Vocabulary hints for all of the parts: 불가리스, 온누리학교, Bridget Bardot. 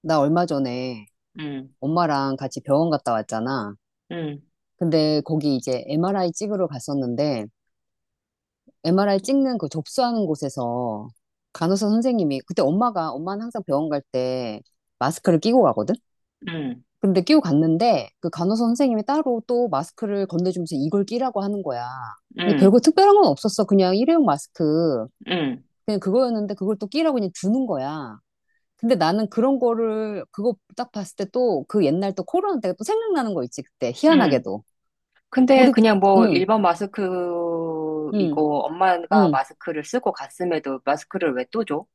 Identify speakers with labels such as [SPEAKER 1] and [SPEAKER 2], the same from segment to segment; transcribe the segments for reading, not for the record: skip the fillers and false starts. [SPEAKER 1] 나 얼마 전에
[SPEAKER 2] 음,
[SPEAKER 1] 엄마랑 같이 병원 갔다 왔잖아.
[SPEAKER 2] 음,
[SPEAKER 1] 근데 거기 이제 MRI 찍으러 갔었는데, MRI 찍는 그 접수하는 곳에서 간호사 선생님이, 그때 엄마가, 엄마는 항상 병원 갈 때 마스크를 끼고 가거든?
[SPEAKER 2] 음,
[SPEAKER 1] 근데 끼고 갔는데, 그 간호사 선생님이 따로 또 마스크를 건네주면서 이걸 끼라고 하는 거야. 근데
[SPEAKER 2] 음,
[SPEAKER 1] 별거 특별한 건 없었어. 그냥 일회용 마스크.
[SPEAKER 2] 음,
[SPEAKER 1] 그냥 그거였는데 그걸 또 끼라고 그냥 주는 거야. 근데 나는 그런 거를 그거 딱 봤을 때 또 그 옛날 또 코로나 때가 또 생각나는 거 있지. 그때
[SPEAKER 2] 음.
[SPEAKER 1] 희한하게도
[SPEAKER 2] 근데
[SPEAKER 1] 우리 그,
[SPEAKER 2] 그냥 뭐
[SPEAKER 1] 응,
[SPEAKER 2] 일반
[SPEAKER 1] 응,
[SPEAKER 2] 마스크이고 엄마가
[SPEAKER 1] 응.
[SPEAKER 2] 마스크를 쓰고 갔음에도 마스크를 왜 또 줘?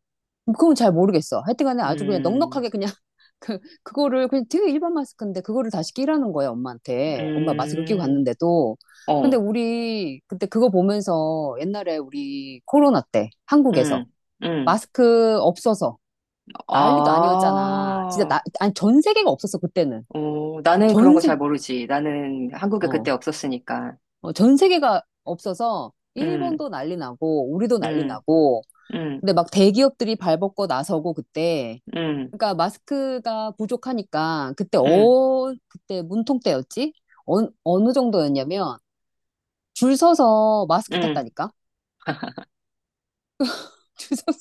[SPEAKER 1] 뭐 그건 잘 모르겠어. 하여튼간에 아주 그냥
[SPEAKER 2] 음,
[SPEAKER 1] 넉넉하게 그냥 그거를 그냥 되게 일반 마스크인데 그거를 다시 끼라는 거야 엄마한테. 엄마 마스크 끼고
[SPEAKER 2] 음,
[SPEAKER 1] 갔는데도. 근데
[SPEAKER 2] 어,
[SPEAKER 1] 우리 그때 그거 보면서 옛날에 우리 코로나 때
[SPEAKER 2] 음,
[SPEAKER 1] 한국에서
[SPEAKER 2] 음.
[SPEAKER 1] 마스크 없어서 난리도
[SPEAKER 2] 아,
[SPEAKER 1] 아니었잖아. 진짜 나, 아니, 전 세계가 없었어 그때는.
[SPEAKER 2] 어, 나는 그런
[SPEAKER 1] 전
[SPEAKER 2] 거 잘
[SPEAKER 1] 세계.
[SPEAKER 2] 모르지. 나는 한국에 그때
[SPEAKER 1] 어.
[SPEAKER 2] 없었으니까.
[SPEAKER 1] 어, 전 세계가 없어서
[SPEAKER 2] 음,
[SPEAKER 1] 일본도 난리 나고 우리도 난리
[SPEAKER 2] 음,
[SPEAKER 1] 나고,
[SPEAKER 2] 음,
[SPEAKER 1] 근데 막 대기업들이 발벗고 나서고 그때,
[SPEAKER 2] 음,
[SPEAKER 1] 그러니까 마스크가 부족하니까 그때,
[SPEAKER 2] 음,
[SPEAKER 1] 그때 문통 때였지? 어, 어느 정도였냐면 줄 서서 마스크
[SPEAKER 2] 음.
[SPEAKER 1] 탔다니까. 줄 서서,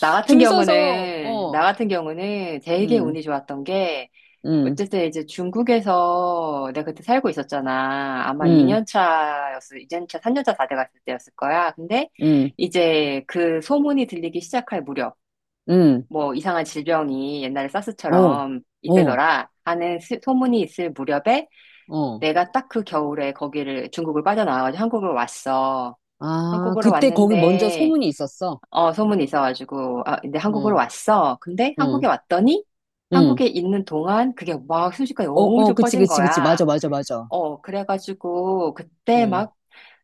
[SPEAKER 1] 줄 서서 어.
[SPEAKER 2] 나 같은 경우는 되게
[SPEAKER 1] 음.
[SPEAKER 2] 운이 좋았던 게
[SPEAKER 1] 음.
[SPEAKER 2] 어쨌든 이제 중국에서 내가 그때 살고 있었잖아. 아마
[SPEAKER 1] 음.
[SPEAKER 2] 2년 차였어 이 년 차, 3년 차 다 돼갔을 때였을 거야. 근데
[SPEAKER 1] 음.
[SPEAKER 2] 이제 그 소문이 들리기 시작할 무렵,
[SPEAKER 1] 음.
[SPEAKER 2] 뭐 이상한 질병이 옛날에
[SPEAKER 1] 어.
[SPEAKER 2] 사스처럼
[SPEAKER 1] 어.
[SPEAKER 2] 있대더라 하는 소문이 있을 무렵에
[SPEAKER 1] 어.
[SPEAKER 2] 내가 딱 그 겨울에 거기를 중국을 빠져나와가지고 한국을 왔어.
[SPEAKER 1] 아,
[SPEAKER 2] 한국으로
[SPEAKER 1] 그때 거기 먼저
[SPEAKER 2] 왔는데
[SPEAKER 1] 소문이 있었어.
[SPEAKER 2] 어, 소문이 있어가지고, 아, 근데 한국으로
[SPEAKER 1] 어.
[SPEAKER 2] 왔어. 근데 한국에
[SPEAKER 1] 어.
[SPEAKER 2] 왔더니,
[SPEAKER 1] 응.
[SPEAKER 2] 한국에 있는 동안 그게 막 순식간에
[SPEAKER 1] 어, 어,
[SPEAKER 2] 엄청
[SPEAKER 1] 그치,
[SPEAKER 2] 퍼진
[SPEAKER 1] 그치, 그치.
[SPEAKER 2] 거야.
[SPEAKER 1] 맞아, 맞아, 맞아.
[SPEAKER 2] 어, 그래가지고, 그때
[SPEAKER 1] 응.
[SPEAKER 2] 막,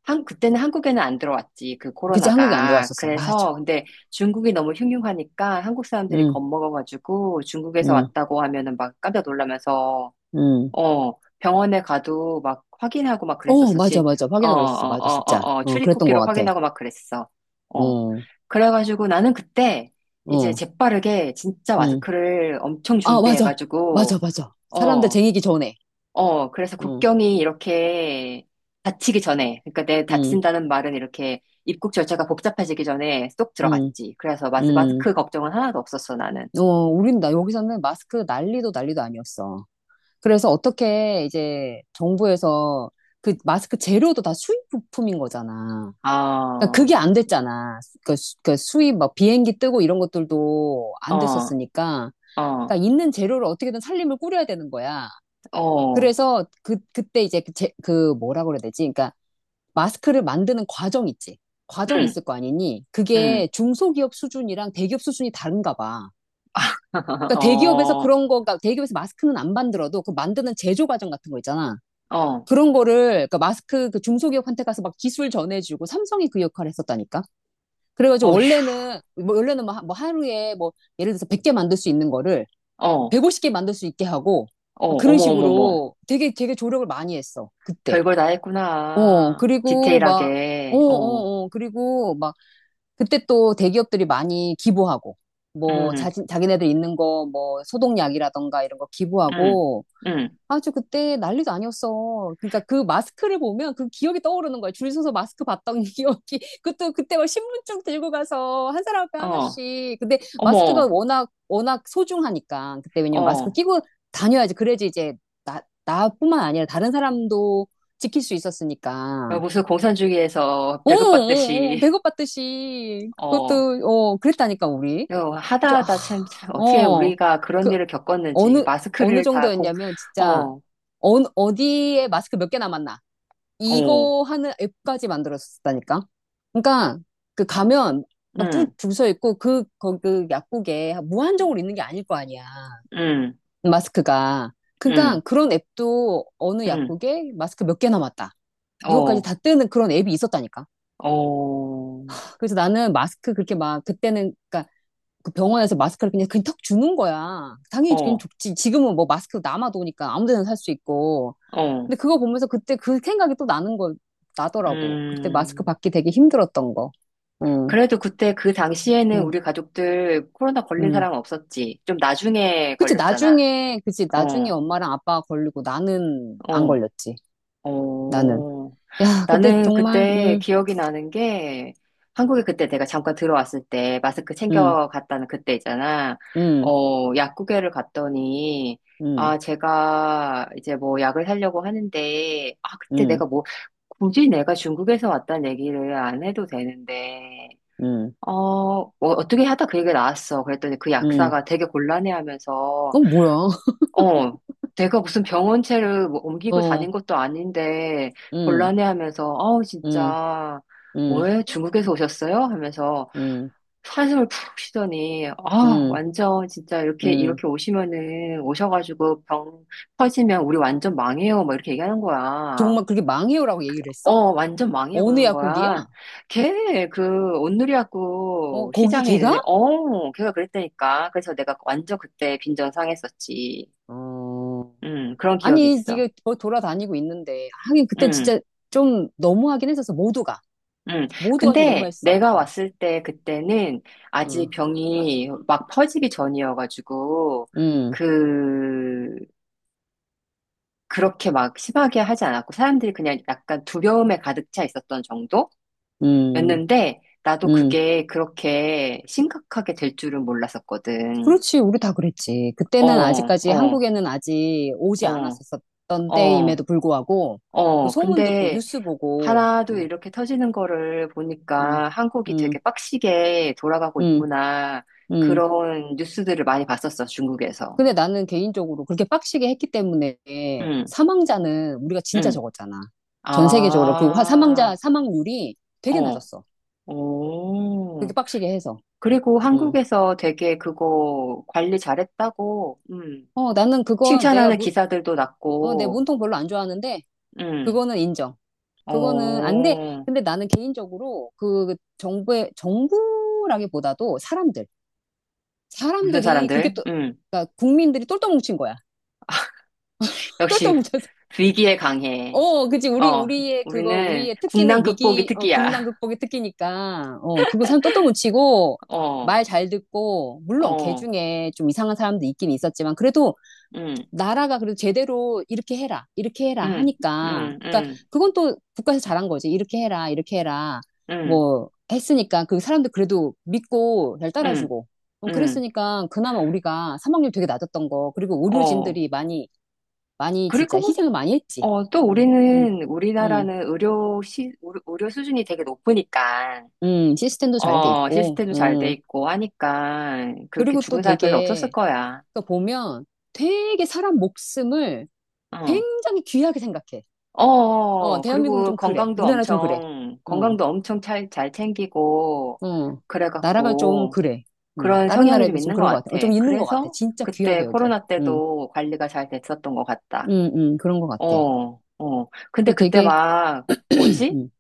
[SPEAKER 2] 그때는 한국에는 안 들어왔지, 그
[SPEAKER 1] 그치, 한국에 안
[SPEAKER 2] 코로나가.
[SPEAKER 1] 들어왔었어. 맞아.
[SPEAKER 2] 그래서, 근데 중국이 너무 흉흉하니까 한국 사람들이
[SPEAKER 1] 응,
[SPEAKER 2] 겁먹어가지고 중국에서
[SPEAKER 1] 응,
[SPEAKER 2] 왔다고 하면은 막 깜짝 놀라면서
[SPEAKER 1] 응.
[SPEAKER 2] 어, 병원에 가도 막 확인하고 막
[SPEAKER 1] 어,
[SPEAKER 2] 그랬었어,
[SPEAKER 1] 맞아,
[SPEAKER 2] 진짜.
[SPEAKER 1] 맞아.
[SPEAKER 2] 어,
[SPEAKER 1] 확인하고 그랬었어.
[SPEAKER 2] 어,
[SPEAKER 1] 맞아,
[SPEAKER 2] 어, 어,
[SPEAKER 1] 진짜.
[SPEAKER 2] 어,
[SPEAKER 1] 어, 그랬던 것
[SPEAKER 2] 출입국기로
[SPEAKER 1] 같아.
[SPEAKER 2] 확인하고 막 그랬어. 어.
[SPEAKER 1] 어,
[SPEAKER 2] 그래가지고 나는 그때 이제
[SPEAKER 1] 어,
[SPEAKER 2] 재빠르게 진짜
[SPEAKER 1] 응.
[SPEAKER 2] 마스크를 엄청
[SPEAKER 1] 아, 맞아. 맞아,
[SPEAKER 2] 준비해가지고,
[SPEAKER 1] 맞아. 사람들
[SPEAKER 2] 어,
[SPEAKER 1] 쟁이기 전에.
[SPEAKER 2] 어, 그래서
[SPEAKER 1] 응,
[SPEAKER 2] 국경이 이렇게 닫히기 전에, 그러니까 내
[SPEAKER 1] 응,
[SPEAKER 2] 닫힌다는 말은 이렇게 입국 절차가 복잡해지기 전에 쏙
[SPEAKER 1] 응,
[SPEAKER 2] 들어갔지. 그래서
[SPEAKER 1] 응.
[SPEAKER 2] 마스크 걱정은 하나도 없었어, 나는.
[SPEAKER 1] 어, 우린 나, 여기서는 마스크 난리도 난리도 아니었어. 그래서 어떻게 이제 정부에서, 그 마스크 재료도 다 수입 부품인 거잖아. 그러니까
[SPEAKER 2] 아,
[SPEAKER 1] 그게 안 됐잖아. 그, 그 수입 막 비행기 뜨고 이런 것들도 안
[SPEAKER 2] 어,
[SPEAKER 1] 됐었으니까.
[SPEAKER 2] 어,
[SPEAKER 1] 그러니까 있는 재료를 어떻게든 살림을 꾸려야 되는 거야.
[SPEAKER 2] 어,
[SPEAKER 1] 그래서 그, 그때 이제 그, 그 뭐라 그래야 되지? 그러니까 마스크를 만드는 과정 있지. 과정이
[SPEAKER 2] 응,
[SPEAKER 1] 있을 거 아니니? 그게
[SPEAKER 2] 응.
[SPEAKER 1] 중소기업 수준이랑 대기업 수준이 다른가 봐. 그러니까 대기업에서
[SPEAKER 2] 어,
[SPEAKER 1] 그런 거가, 대기업에서 마스크는 안 만들어도 그 만드는 제조 과정 같은 거 있잖아.
[SPEAKER 2] 어,
[SPEAKER 1] 그런 거를, 그러니까 마스크 그 중소기업한테 가서 막 기술 전해주고 삼성이 그 역할을 했었다니까? 그래가지고
[SPEAKER 2] 어휴,
[SPEAKER 1] 원래는 뭐, 원래는 뭐 뭐 하루에 뭐 예를 들어서 100개 만들 수 있는 거를
[SPEAKER 2] 어, 어,
[SPEAKER 1] 150개 만들 수 있게 하고,
[SPEAKER 2] 어머,
[SPEAKER 1] 그런
[SPEAKER 2] 어머, 어머.
[SPEAKER 1] 식으로 되게 되게 조력을 많이 했어. 그때.
[SPEAKER 2] 별걸 다
[SPEAKER 1] 어,
[SPEAKER 2] 했구나.
[SPEAKER 1] 그리고 막 어,
[SPEAKER 2] 디테일하게, 어,
[SPEAKER 1] 어, 어, 그리고 막 그때 또 대기업들이 많이 기부하고 뭐
[SPEAKER 2] 음,
[SPEAKER 1] 자기네들 있는 거 뭐 소독약이라던가 이런 거
[SPEAKER 2] 음,
[SPEAKER 1] 기부하고,
[SPEAKER 2] 음,
[SPEAKER 1] 아주 그때 난리도 아니었어. 그러니까 그 마스크를 보면 그 기억이 떠오르는 거야. 줄 서서 마스크 봤던 기억이. 그것도 그때 막 신분증 들고 가서 한 사람 앞에
[SPEAKER 2] 어,
[SPEAKER 1] 하나씩. 근데 마스크가
[SPEAKER 2] 어머,
[SPEAKER 1] 워낙, 워낙 소중하니까. 그때 왜냐면 마스크
[SPEAKER 2] 어.
[SPEAKER 1] 끼고 다녀야지. 그래야지 이제 나뿐만 아니라 다른 사람도 지킬 수 있었으니까.
[SPEAKER 2] 무슨 공산주의에서
[SPEAKER 1] 어, 어, 어, 어,
[SPEAKER 2] 배급받듯이,
[SPEAKER 1] 배고팠듯이.
[SPEAKER 2] 어.
[SPEAKER 1] 그것도, 어, 그랬다니까, 우리.
[SPEAKER 2] 이거 하다
[SPEAKER 1] 그죠?
[SPEAKER 2] 하다
[SPEAKER 1] 아,
[SPEAKER 2] 참, 참, 어떻게
[SPEAKER 1] 어.
[SPEAKER 2] 우리가 그런
[SPEAKER 1] 그,
[SPEAKER 2] 일을 겪었는지,
[SPEAKER 1] 어느, 어느
[SPEAKER 2] 마스크를 다 공,
[SPEAKER 1] 정도였냐면, 진짜.
[SPEAKER 2] 어,
[SPEAKER 1] 어, 어디에 마스크 몇 개 남았나,
[SPEAKER 2] 어,
[SPEAKER 1] 이거 하는 앱까지 만들었었다니까. 그러니까 그 가면 막 줄
[SPEAKER 2] 음,
[SPEAKER 1] 줄 서 있고, 그, 거, 그 약국에 무한정으로 있는 게 아닐 거 아니야.
[SPEAKER 2] 음,
[SPEAKER 1] 마스크가. 그러니까
[SPEAKER 2] 음,
[SPEAKER 1] 그런 앱도 어느
[SPEAKER 2] 음,
[SPEAKER 1] 약국에 마스크 몇 개 남았다, 이거까지
[SPEAKER 2] 어,
[SPEAKER 1] 다 뜨는 그런 앱이 있었다니까.
[SPEAKER 2] 어,
[SPEAKER 1] 그래서 나는 마스크 그렇게 막, 그때는 그러니까 그 병원에서 마스크를 그냥 그냥 턱 주는 거야. 당연히 그냥
[SPEAKER 2] 어,
[SPEAKER 1] 좋지. 지금은 뭐 마스크 남아도니까 아무 데나 살 수 있고.
[SPEAKER 2] 어,
[SPEAKER 1] 근데 그거 보면서 그때 그 생각이 또 나는 거, 나더라고. 그때 마스크
[SPEAKER 2] 음.
[SPEAKER 1] 받기 되게 힘들었던 거. 응,
[SPEAKER 2] 그래도 그때 그 당시에는
[SPEAKER 1] 응,
[SPEAKER 2] 우리 가족들 코로나 걸린
[SPEAKER 1] 응.
[SPEAKER 2] 사람 은 없었지. 좀 나중에
[SPEAKER 1] 그치,
[SPEAKER 2] 걸렸잖아.
[SPEAKER 1] 나중에, 그치, 나중에
[SPEAKER 2] 어,
[SPEAKER 1] 엄마랑 아빠가 걸리고 나는 안
[SPEAKER 2] 어,
[SPEAKER 1] 걸렸지. 나는.
[SPEAKER 2] 어.
[SPEAKER 1] 야, 그때
[SPEAKER 2] 나는
[SPEAKER 1] 정말,
[SPEAKER 2] 그때
[SPEAKER 1] 응,
[SPEAKER 2] 기억이 나는 게 한국에 그때 내가 잠깐 들어왔을 때 마스크
[SPEAKER 1] 응,
[SPEAKER 2] 챙겨갔다는 그때 있잖아.
[SPEAKER 1] 응,
[SPEAKER 2] 어, 약국에를 갔더니
[SPEAKER 1] 응,
[SPEAKER 2] 아, 제가 이제 뭐 약을 사려고 하는데 아, 그때
[SPEAKER 1] 응,
[SPEAKER 2] 내가 뭐 굳이 내가 중국에서 왔다는 얘기를 안 해도 되는데
[SPEAKER 1] 응,
[SPEAKER 2] 어, 어, 어떻게 하다 그 얘기가 나왔어. 그랬더니 그
[SPEAKER 1] 응.
[SPEAKER 2] 약사가 되게 곤란해하면서,
[SPEAKER 1] 어, 뭐야.
[SPEAKER 2] 어, 내가 무슨 병원체를 뭐 옮기고
[SPEAKER 1] 어,
[SPEAKER 2] 다닌 것도 아닌데
[SPEAKER 1] 응,
[SPEAKER 2] 곤란해하면서, 아우
[SPEAKER 1] 응,
[SPEAKER 2] 진짜
[SPEAKER 1] 응,
[SPEAKER 2] 뭐예요? 중국에서 오셨어요? 하면서
[SPEAKER 1] 응,
[SPEAKER 2] 한숨을 푹 쉬더니, 아,
[SPEAKER 1] 응,
[SPEAKER 2] 완전 진짜 이렇게
[SPEAKER 1] 응.
[SPEAKER 2] 이렇게 오시면은 오셔가지고 병 퍼지면 우리 완전 망해요. 막 이렇게 얘기하는 거야.
[SPEAKER 1] 정말 그렇게 망해요라고 얘기를 했어?
[SPEAKER 2] 어, 완전 망이야,
[SPEAKER 1] 어느
[SPEAKER 2] 그러는
[SPEAKER 1] 약국이야?
[SPEAKER 2] 거야. 걔, 그,
[SPEAKER 1] 어,
[SPEAKER 2] 온누리학교
[SPEAKER 1] 거기
[SPEAKER 2] 시장에
[SPEAKER 1] 걔가?
[SPEAKER 2] 있는데, 어, 걔가 그랬다니까. 그래서 내가 완전 그때 빈정 상했었지.
[SPEAKER 1] 어.
[SPEAKER 2] 그런 기억이
[SPEAKER 1] 아니,
[SPEAKER 2] 있어.
[SPEAKER 1] 네가 돌아다니고 있는데. 하긴, 그때
[SPEAKER 2] 음,
[SPEAKER 1] 진짜 좀 너무하긴 했었어. 모두가.
[SPEAKER 2] 음.
[SPEAKER 1] 모두가 진짜
[SPEAKER 2] 근데
[SPEAKER 1] 너무했어.
[SPEAKER 2] 내가
[SPEAKER 1] 어,
[SPEAKER 2] 왔을 때 그때는
[SPEAKER 1] 응,
[SPEAKER 2] 아직 병이 막 퍼지기 전이어가지고,
[SPEAKER 1] 응,
[SPEAKER 2] 그, 그렇게 막 심하게 하지 않았고, 사람들이 그냥 약간 두려움에 가득 차 있었던 정도?
[SPEAKER 1] 응,
[SPEAKER 2] 였는데, 나도
[SPEAKER 1] 응.
[SPEAKER 2] 그게 그렇게 심각하게 될 줄은 몰랐었거든.
[SPEAKER 1] 그렇지, 우리 다 그랬지. 그때는
[SPEAKER 2] 어,
[SPEAKER 1] 아직까지
[SPEAKER 2] 어,
[SPEAKER 1] 한국에는 아직 오지
[SPEAKER 2] 어,
[SPEAKER 1] 않았었던
[SPEAKER 2] 어,
[SPEAKER 1] 때임에도 불구하고, 그
[SPEAKER 2] 어.
[SPEAKER 1] 소문 듣고,
[SPEAKER 2] 근데
[SPEAKER 1] 뉴스 보고,
[SPEAKER 2] 하나도
[SPEAKER 1] 응,
[SPEAKER 2] 이렇게 터지는 거를
[SPEAKER 1] 응,
[SPEAKER 2] 보니까 한국이 되게
[SPEAKER 1] 응,
[SPEAKER 2] 빡시게 돌아가고
[SPEAKER 1] 응,
[SPEAKER 2] 있구나.
[SPEAKER 1] 응.
[SPEAKER 2] 그런 뉴스들을 많이 봤었어, 중국에서.
[SPEAKER 1] 근데 나는 개인적으로 그렇게 빡시게 했기 때문에
[SPEAKER 2] 응,
[SPEAKER 1] 사망자는 우리가 진짜
[SPEAKER 2] 응.
[SPEAKER 1] 적었잖아. 전 세계적으로
[SPEAKER 2] 아,
[SPEAKER 1] 그 사망자, 사망률이 되게
[SPEAKER 2] 어,
[SPEAKER 1] 낮았어. 그렇게
[SPEAKER 2] 오.
[SPEAKER 1] 빡시게 해서.
[SPEAKER 2] 그리고
[SPEAKER 1] 어.
[SPEAKER 2] 한국에서 되게 그거 관리 잘했다고,
[SPEAKER 1] 어, 나는 그거 내가
[SPEAKER 2] 칭찬하는
[SPEAKER 1] 무,
[SPEAKER 2] 기사들도
[SPEAKER 1] 어, 내
[SPEAKER 2] 났고,
[SPEAKER 1] 문통 별로 안 좋아하는데
[SPEAKER 2] 음.
[SPEAKER 1] 그거는 인정. 그거는 안
[SPEAKER 2] 어,
[SPEAKER 1] 돼. 근데 나는 개인적으로 그 정부의, 정부라기보다도 사람들,
[SPEAKER 2] 무슨
[SPEAKER 1] 사람들이 그렇게
[SPEAKER 2] 사람들?
[SPEAKER 1] 또,
[SPEAKER 2] 음.
[SPEAKER 1] 그러니까 국민들이 똘똘 뭉친 거야. 똘똘
[SPEAKER 2] 역시
[SPEAKER 1] 뭉쳐서.
[SPEAKER 2] 위기에 강해.
[SPEAKER 1] 어, 그치. 우리,
[SPEAKER 2] 어,
[SPEAKER 1] 우리의 그거
[SPEAKER 2] 우리는
[SPEAKER 1] 우리의
[SPEAKER 2] 국난
[SPEAKER 1] 특기는
[SPEAKER 2] 극복이
[SPEAKER 1] 위기, 어, 국난
[SPEAKER 2] 특기야.
[SPEAKER 1] 극복의 특기니까. 어, 그거 사람 똘똘 뭉치고
[SPEAKER 2] 어,
[SPEAKER 1] 말 잘 듣고, 물론 개
[SPEAKER 2] 어,
[SPEAKER 1] 중에 좀 이상한 사람도 있긴 있었지만 그래도
[SPEAKER 2] 음,
[SPEAKER 1] 나라가 그래도 제대로 이렇게 해라, 이렇게 해라
[SPEAKER 2] 음,
[SPEAKER 1] 하니까.
[SPEAKER 2] 음,
[SPEAKER 1] 그러니까
[SPEAKER 2] 음,
[SPEAKER 1] 그건 또 국가에서 잘한 거지. 이렇게 해라, 이렇게 해라
[SPEAKER 2] 음,
[SPEAKER 1] 뭐 했으니까 그 사람들 그래도 믿고 잘
[SPEAKER 2] 음,
[SPEAKER 1] 따라주고.
[SPEAKER 2] 음,
[SPEAKER 1] 그랬으니까 그나마 우리가 사망률 되게 낮았던 거. 그리고
[SPEAKER 2] 어.
[SPEAKER 1] 의료진들이 많이, 많이 진짜
[SPEAKER 2] 그리고, 뭐,
[SPEAKER 1] 희생을 많이 했지.
[SPEAKER 2] 어, 또
[SPEAKER 1] 음, 음, 음,
[SPEAKER 2] 우리나라는 의료 수준이 되게 높으니까,
[SPEAKER 1] 시스템도 잘 돼
[SPEAKER 2] 어,
[SPEAKER 1] 있고.
[SPEAKER 2] 시스템도 잘 돼
[SPEAKER 1] 음.
[SPEAKER 2] 있고 하니까, 그렇게
[SPEAKER 1] 그리고 또
[SPEAKER 2] 죽은 사람 별로
[SPEAKER 1] 되게,
[SPEAKER 2] 없었을 거야.
[SPEAKER 1] 그러니까 보면 되게 사람 목숨을
[SPEAKER 2] 어.
[SPEAKER 1] 굉장히 귀하게 생각해.
[SPEAKER 2] 어,
[SPEAKER 1] 어,
[SPEAKER 2] 어.
[SPEAKER 1] 대한민국이
[SPEAKER 2] 그리고
[SPEAKER 1] 좀 그래.
[SPEAKER 2] 건강도
[SPEAKER 1] 우리나라 좀 그래.
[SPEAKER 2] 엄청,
[SPEAKER 1] 어,
[SPEAKER 2] 건강도 엄청 잘, 잘 챙기고,
[SPEAKER 1] 어. 나라가 좀
[SPEAKER 2] 그래갖고,
[SPEAKER 1] 그래.
[SPEAKER 2] 그런
[SPEAKER 1] 다른
[SPEAKER 2] 성향이
[SPEAKER 1] 나라에
[SPEAKER 2] 좀
[SPEAKER 1] 비해서 좀
[SPEAKER 2] 있는 것
[SPEAKER 1] 그런 것 같아.
[SPEAKER 2] 같아.
[SPEAKER 1] 어, 좀 있는 것 같아.
[SPEAKER 2] 그래서
[SPEAKER 1] 진짜
[SPEAKER 2] 그때
[SPEAKER 1] 귀하게 여겨.
[SPEAKER 2] 코로나
[SPEAKER 1] 음,
[SPEAKER 2] 때도 관리가 잘 됐었던 것 같다.
[SPEAKER 1] 그런 것 같아.
[SPEAKER 2] 어, 어. 근데
[SPEAKER 1] 그
[SPEAKER 2] 그때
[SPEAKER 1] 되게,
[SPEAKER 2] 막, 뭐지?
[SPEAKER 1] 음,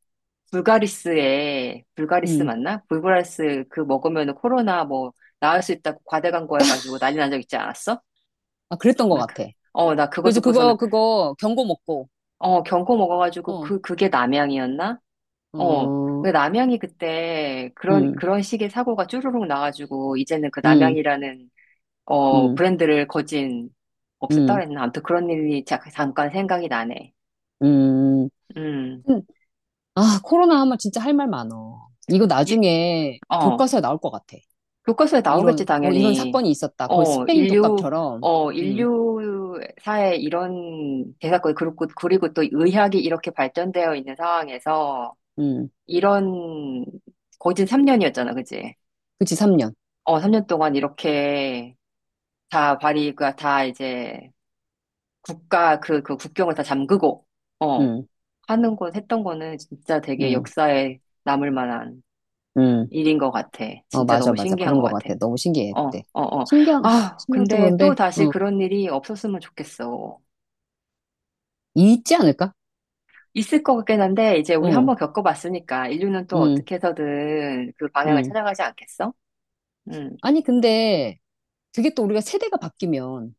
[SPEAKER 2] 불가리스에, 불가리스
[SPEAKER 1] 음.
[SPEAKER 2] 맞나? 불가리스 그 먹으면 코로나 뭐, 나을 수 있다고 과대광고 해가지고 난리 난 적 있지 않았어?
[SPEAKER 1] 아, 그랬던 것
[SPEAKER 2] 나,
[SPEAKER 1] 같아.
[SPEAKER 2] 어, 나 그거
[SPEAKER 1] 그래서
[SPEAKER 2] 듣고서는,
[SPEAKER 1] 그거 경고 먹고,
[SPEAKER 2] 어, 경코 먹어가지고
[SPEAKER 1] 어,
[SPEAKER 2] 그, 그게 남양이었나? 어.
[SPEAKER 1] 어,
[SPEAKER 2] 그 남양이 그때 그런,
[SPEAKER 1] 음,
[SPEAKER 2] 그런 식의 사고가 쭈루룩 나가지고, 이제는 그
[SPEAKER 1] 음,
[SPEAKER 2] 남양이라는, 어,
[SPEAKER 1] 음,
[SPEAKER 2] 브랜드를 거진 없앴다
[SPEAKER 1] 음,
[SPEAKER 2] 그랬나? 아무튼 그런 일이 잠깐 생각이 나네.
[SPEAKER 1] 음.
[SPEAKER 2] 음.
[SPEAKER 1] 음. 아, 코로나 하면 진짜 할 말 많어. 이거
[SPEAKER 2] 예,
[SPEAKER 1] 나중에
[SPEAKER 2] 어.
[SPEAKER 1] 교과서에 나올 것 같아.
[SPEAKER 2] 교과서에 나오겠지,
[SPEAKER 1] 이런, 어, 이런
[SPEAKER 2] 당연히.
[SPEAKER 1] 사건이 있었다. 거의
[SPEAKER 2] 어,
[SPEAKER 1] 스페인
[SPEAKER 2] 인류,
[SPEAKER 1] 독감처럼.
[SPEAKER 2] 어,
[SPEAKER 1] 음,
[SPEAKER 2] 인류사에 이런 대사건, 그리고, 그리고 또 의학이 이렇게 발전되어 있는 상황에서,
[SPEAKER 1] 음.
[SPEAKER 2] 이런, 거진 3년이었잖아, 그치?
[SPEAKER 1] 그치, 3년.
[SPEAKER 2] 어, 3년 동안 이렇게, 다 발이가 다 이제 국가 그, 그 국경을 다 잠그고, 어,
[SPEAKER 1] 응,
[SPEAKER 2] 하는 건, 했던 거는 진짜 되게
[SPEAKER 1] 응,
[SPEAKER 2] 역사에 남을 만한
[SPEAKER 1] 응.
[SPEAKER 2] 일인 것 같아.
[SPEAKER 1] 어,
[SPEAKER 2] 진짜
[SPEAKER 1] 맞아,
[SPEAKER 2] 너무
[SPEAKER 1] 맞아.
[SPEAKER 2] 신기한
[SPEAKER 1] 그런
[SPEAKER 2] 것
[SPEAKER 1] 것
[SPEAKER 2] 같아.
[SPEAKER 1] 같아. 너무 신기해,
[SPEAKER 2] 어,
[SPEAKER 1] 그때.
[SPEAKER 2] 어, 어.
[SPEAKER 1] 신기한, 아,
[SPEAKER 2] 아,
[SPEAKER 1] 신기하도
[SPEAKER 2] 근데 또
[SPEAKER 1] 그런데,
[SPEAKER 2] 다시
[SPEAKER 1] 어,
[SPEAKER 2] 그런 일이 없었으면 좋겠어.
[SPEAKER 1] 있지 않을까?
[SPEAKER 2] 있을 것 같긴 한데, 이제 우리
[SPEAKER 1] 어,
[SPEAKER 2] 한번 겪어봤으니까, 인류는 또
[SPEAKER 1] 응,
[SPEAKER 2] 어떻게 해서든 그 방향을
[SPEAKER 1] 응.
[SPEAKER 2] 찾아가지 않겠어? 응,
[SPEAKER 1] 아니, 근데, 그게 또 우리가 세대가 바뀌면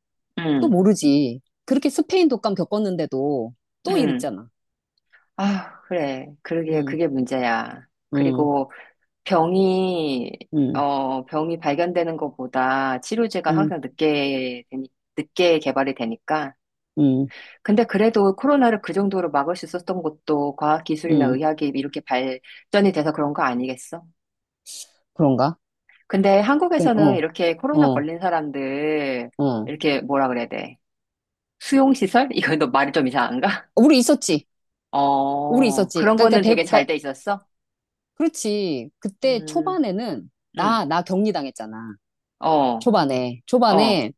[SPEAKER 1] 또
[SPEAKER 2] 응,
[SPEAKER 1] 모르지. 그렇게 스페인 독감 겪었는데도 또
[SPEAKER 2] 응.
[SPEAKER 1] 이랬잖아.
[SPEAKER 2] 아, 그래. 그러게,
[SPEAKER 1] 응,
[SPEAKER 2] 그게 문제야.
[SPEAKER 1] 응,
[SPEAKER 2] 그리고, 병이,
[SPEAKER 1] 응,
[SPEAKER 2] 어, 병이 발견되는 것보다 치료제가
[SPEAKER 1] 응,
[SPEAKER 2] 항상 늦게, 늦게 개발이 되니까.
[SPEAKER 1] 응,
[SPEAKER 2] 근데 그래도 코로나를 그 정도로 막을 수 있었던 것도 과학기술이나
[SPEAKER 1] 응.
[SPEAKER 2] 의학이 이렇게 발전이 돼서 그런 거 아니겠어?
[SPEAKER 1] 그런가?
[SPEAKER 2] 근데
[SPEAKER 1] 그,
[SPEAKER 2] 한국에서는
[SPEAKER 1] 어,
[SPEAKER 2] 이렇게 코로나
[SPEAKER 1] 어,
[SPEAKER 2] 걸린 사람들,
[SPEAKER 1] 어.
[SPEAKER 2] 이렇게 뭐라 그래야 돼? 수용시설? 이거 너 말이 좀 이상한가?
[SPEAKER 1] 우리 있었지. 우리
[SPEAKER 2] 어,
[SPEAKER 1] 있었지.
[SPEAKER 2] 그런
[SPEAKER 1] 그러니까,
[SPEAKER 2] 거는
[SPEAKER 1] 대,
[SPEAKER 2] 되게 잘
[SPEAKER 1] 그러니까,
[SPEAKER 2] 돼 있었어?
[SPEAKER 1] 그렇지. 그때
[SPEAKER 2] 음,
[SPEAKER 1] 초반에는 나,
[SPEAKER 2] 음,
[SPEAKER 1] 나 격리당했잖아.
[SPEAKER 2] 어,
[SPEAKER 1] 초반에,
[SPEAKER 2] 어.
[SPEAKER 1] 초반에,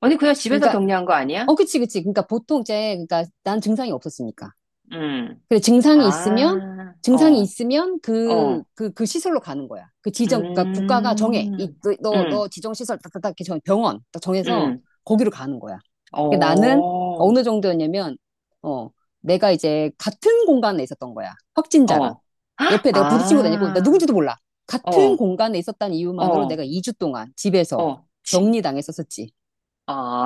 [SPEAKER 2] 아니, 그냥 집에서
[SPEAKER 1] 그러니까,
[SPEAKER 2] 격리한 거 아니야?
[SPEAKER 1] 어, 그치, 그치. 그러니까 보통 이제, 그러니까 난 증상이 없었으니까.
[SPEAKER 2] 음.
[SPEAKER 1] 그래, 증상이 있으면,
[SPEAKER 2] 아,
[SPEAKER 1] 증상이
[SPEAKER 2] 어,
[SPEAKER 1] 있으면 그,
[SPEAKER 2] 어,
[SPEAKER 1] 그, 그 시설로 가는 거야. 그 지정, 그러니까 국가가 정해. 이,
[SPEAKER 2] 음,
[SPEAKER 1] 그, 너,
[SPEAKER 2] 음,
[SPEAKER 1] 너 지정시설 딱딱딱 이렇게 병원 딱 정해서
[SPEAKER 2] 음,
[SPEAKER 1] 거기로 가는 거야. 근데 나는
[SPEAKER 2] 어,
[SPEAKER 1] 어느 정도였냐면, 어, 내가 이제 같은 공간에 있었던 거야. 확진자랑.
[SPEAKER 2] 어,
[SPEAKER 1] 옆에 내가 부딪힌 것도 아니고, 나
[SPEAKER 2] 아,
[SPEAKER 1] 누군지도 몰라. 같은
[SPEAKER 2] 어,
[SPEAKER 1] 공간에 있었다는 이유만으로
[SPEAKER 2] 어,
[SPEAKER 1] 내가 2주 동안 집에서
[SPEAKER 2] 어, 지,
[SPEAKER 1] 격리당했었었지.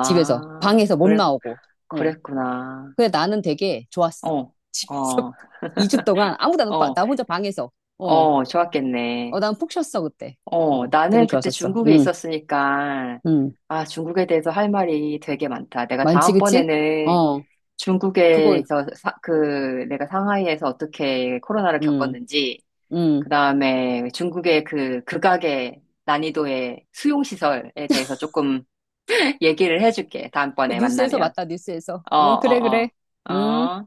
[SPEAKER 1] 집에서. 방에서 못
[SPEAKER 2] 그랬,
[SPEAKER 1] 나오고. 어.
[SPEAKER 2] 그랬구나.
[SPEAKER 1] 그래, 나는 되게 좋았어.
[SPEAKER 2] 어,
[SPEAKER 1] 집에서
[SPEAKER 2] 어,
[SPEAKER 1] 2주 동안 아무도 안, 오고
[SPEAKER 2] 어,
[SPEAKER 1] 나 혼자 방에서. 어,
[SPEAKER 2] 어, 좋았겠네.
[SPEAKER 1] 어, 난 푹 쉬었어, 그때.
[SPEAKER 2] 어,
[SPEAKER 1] 어,
[SPEAKER 2] 나는
[SPEAKER 1] 되게
[SPEAKER 2] 그때
[SPEAKER 1] 좋았었어.
[SPEAKER 2] 중국에
[SPEAKER 1] 응,
[SPEAKER 2] 있었으니까,
[SPEAKER 1] 응.
[SPEAKER 2] 아, 중국에 대해서 할 말이 되게 많다. 내가
[SPEAKER 1] 많지, 그치?
[SPEAKER 2] 다음번에는
[SPEAKER 1] 어, 그거,
[SPEAKER 2] 중국에서, 그, 내가 상하이에서 어떻게 코로나를
[SPEAKER 1] 응,
[SPEAKER 2] 겪었는지,
[SPEAKER 1] 응.
[SPEAKER 2] 그 다음에 중국의 그 극악의 난이도의 수용시설에 대해서 조금 얘기를 해줄게.
[SPEAKER 1] 그
[SPEAKER 2] 다음번에
[SPEAKER 1] 뉴스에서
[SPEAKER 2] 만나면.
[SPEAKER 1] 맞다, 뉴스에서.
[SPEAKER 2] 어,
[SPEAKER 1] 어, 그래,
[SPEAKER 2] 어,
[SPEAKER 1] 그래.
[SPEAKER 2] 어.
[SPEAKER 1] 음.
[SPEAKER 2] 어.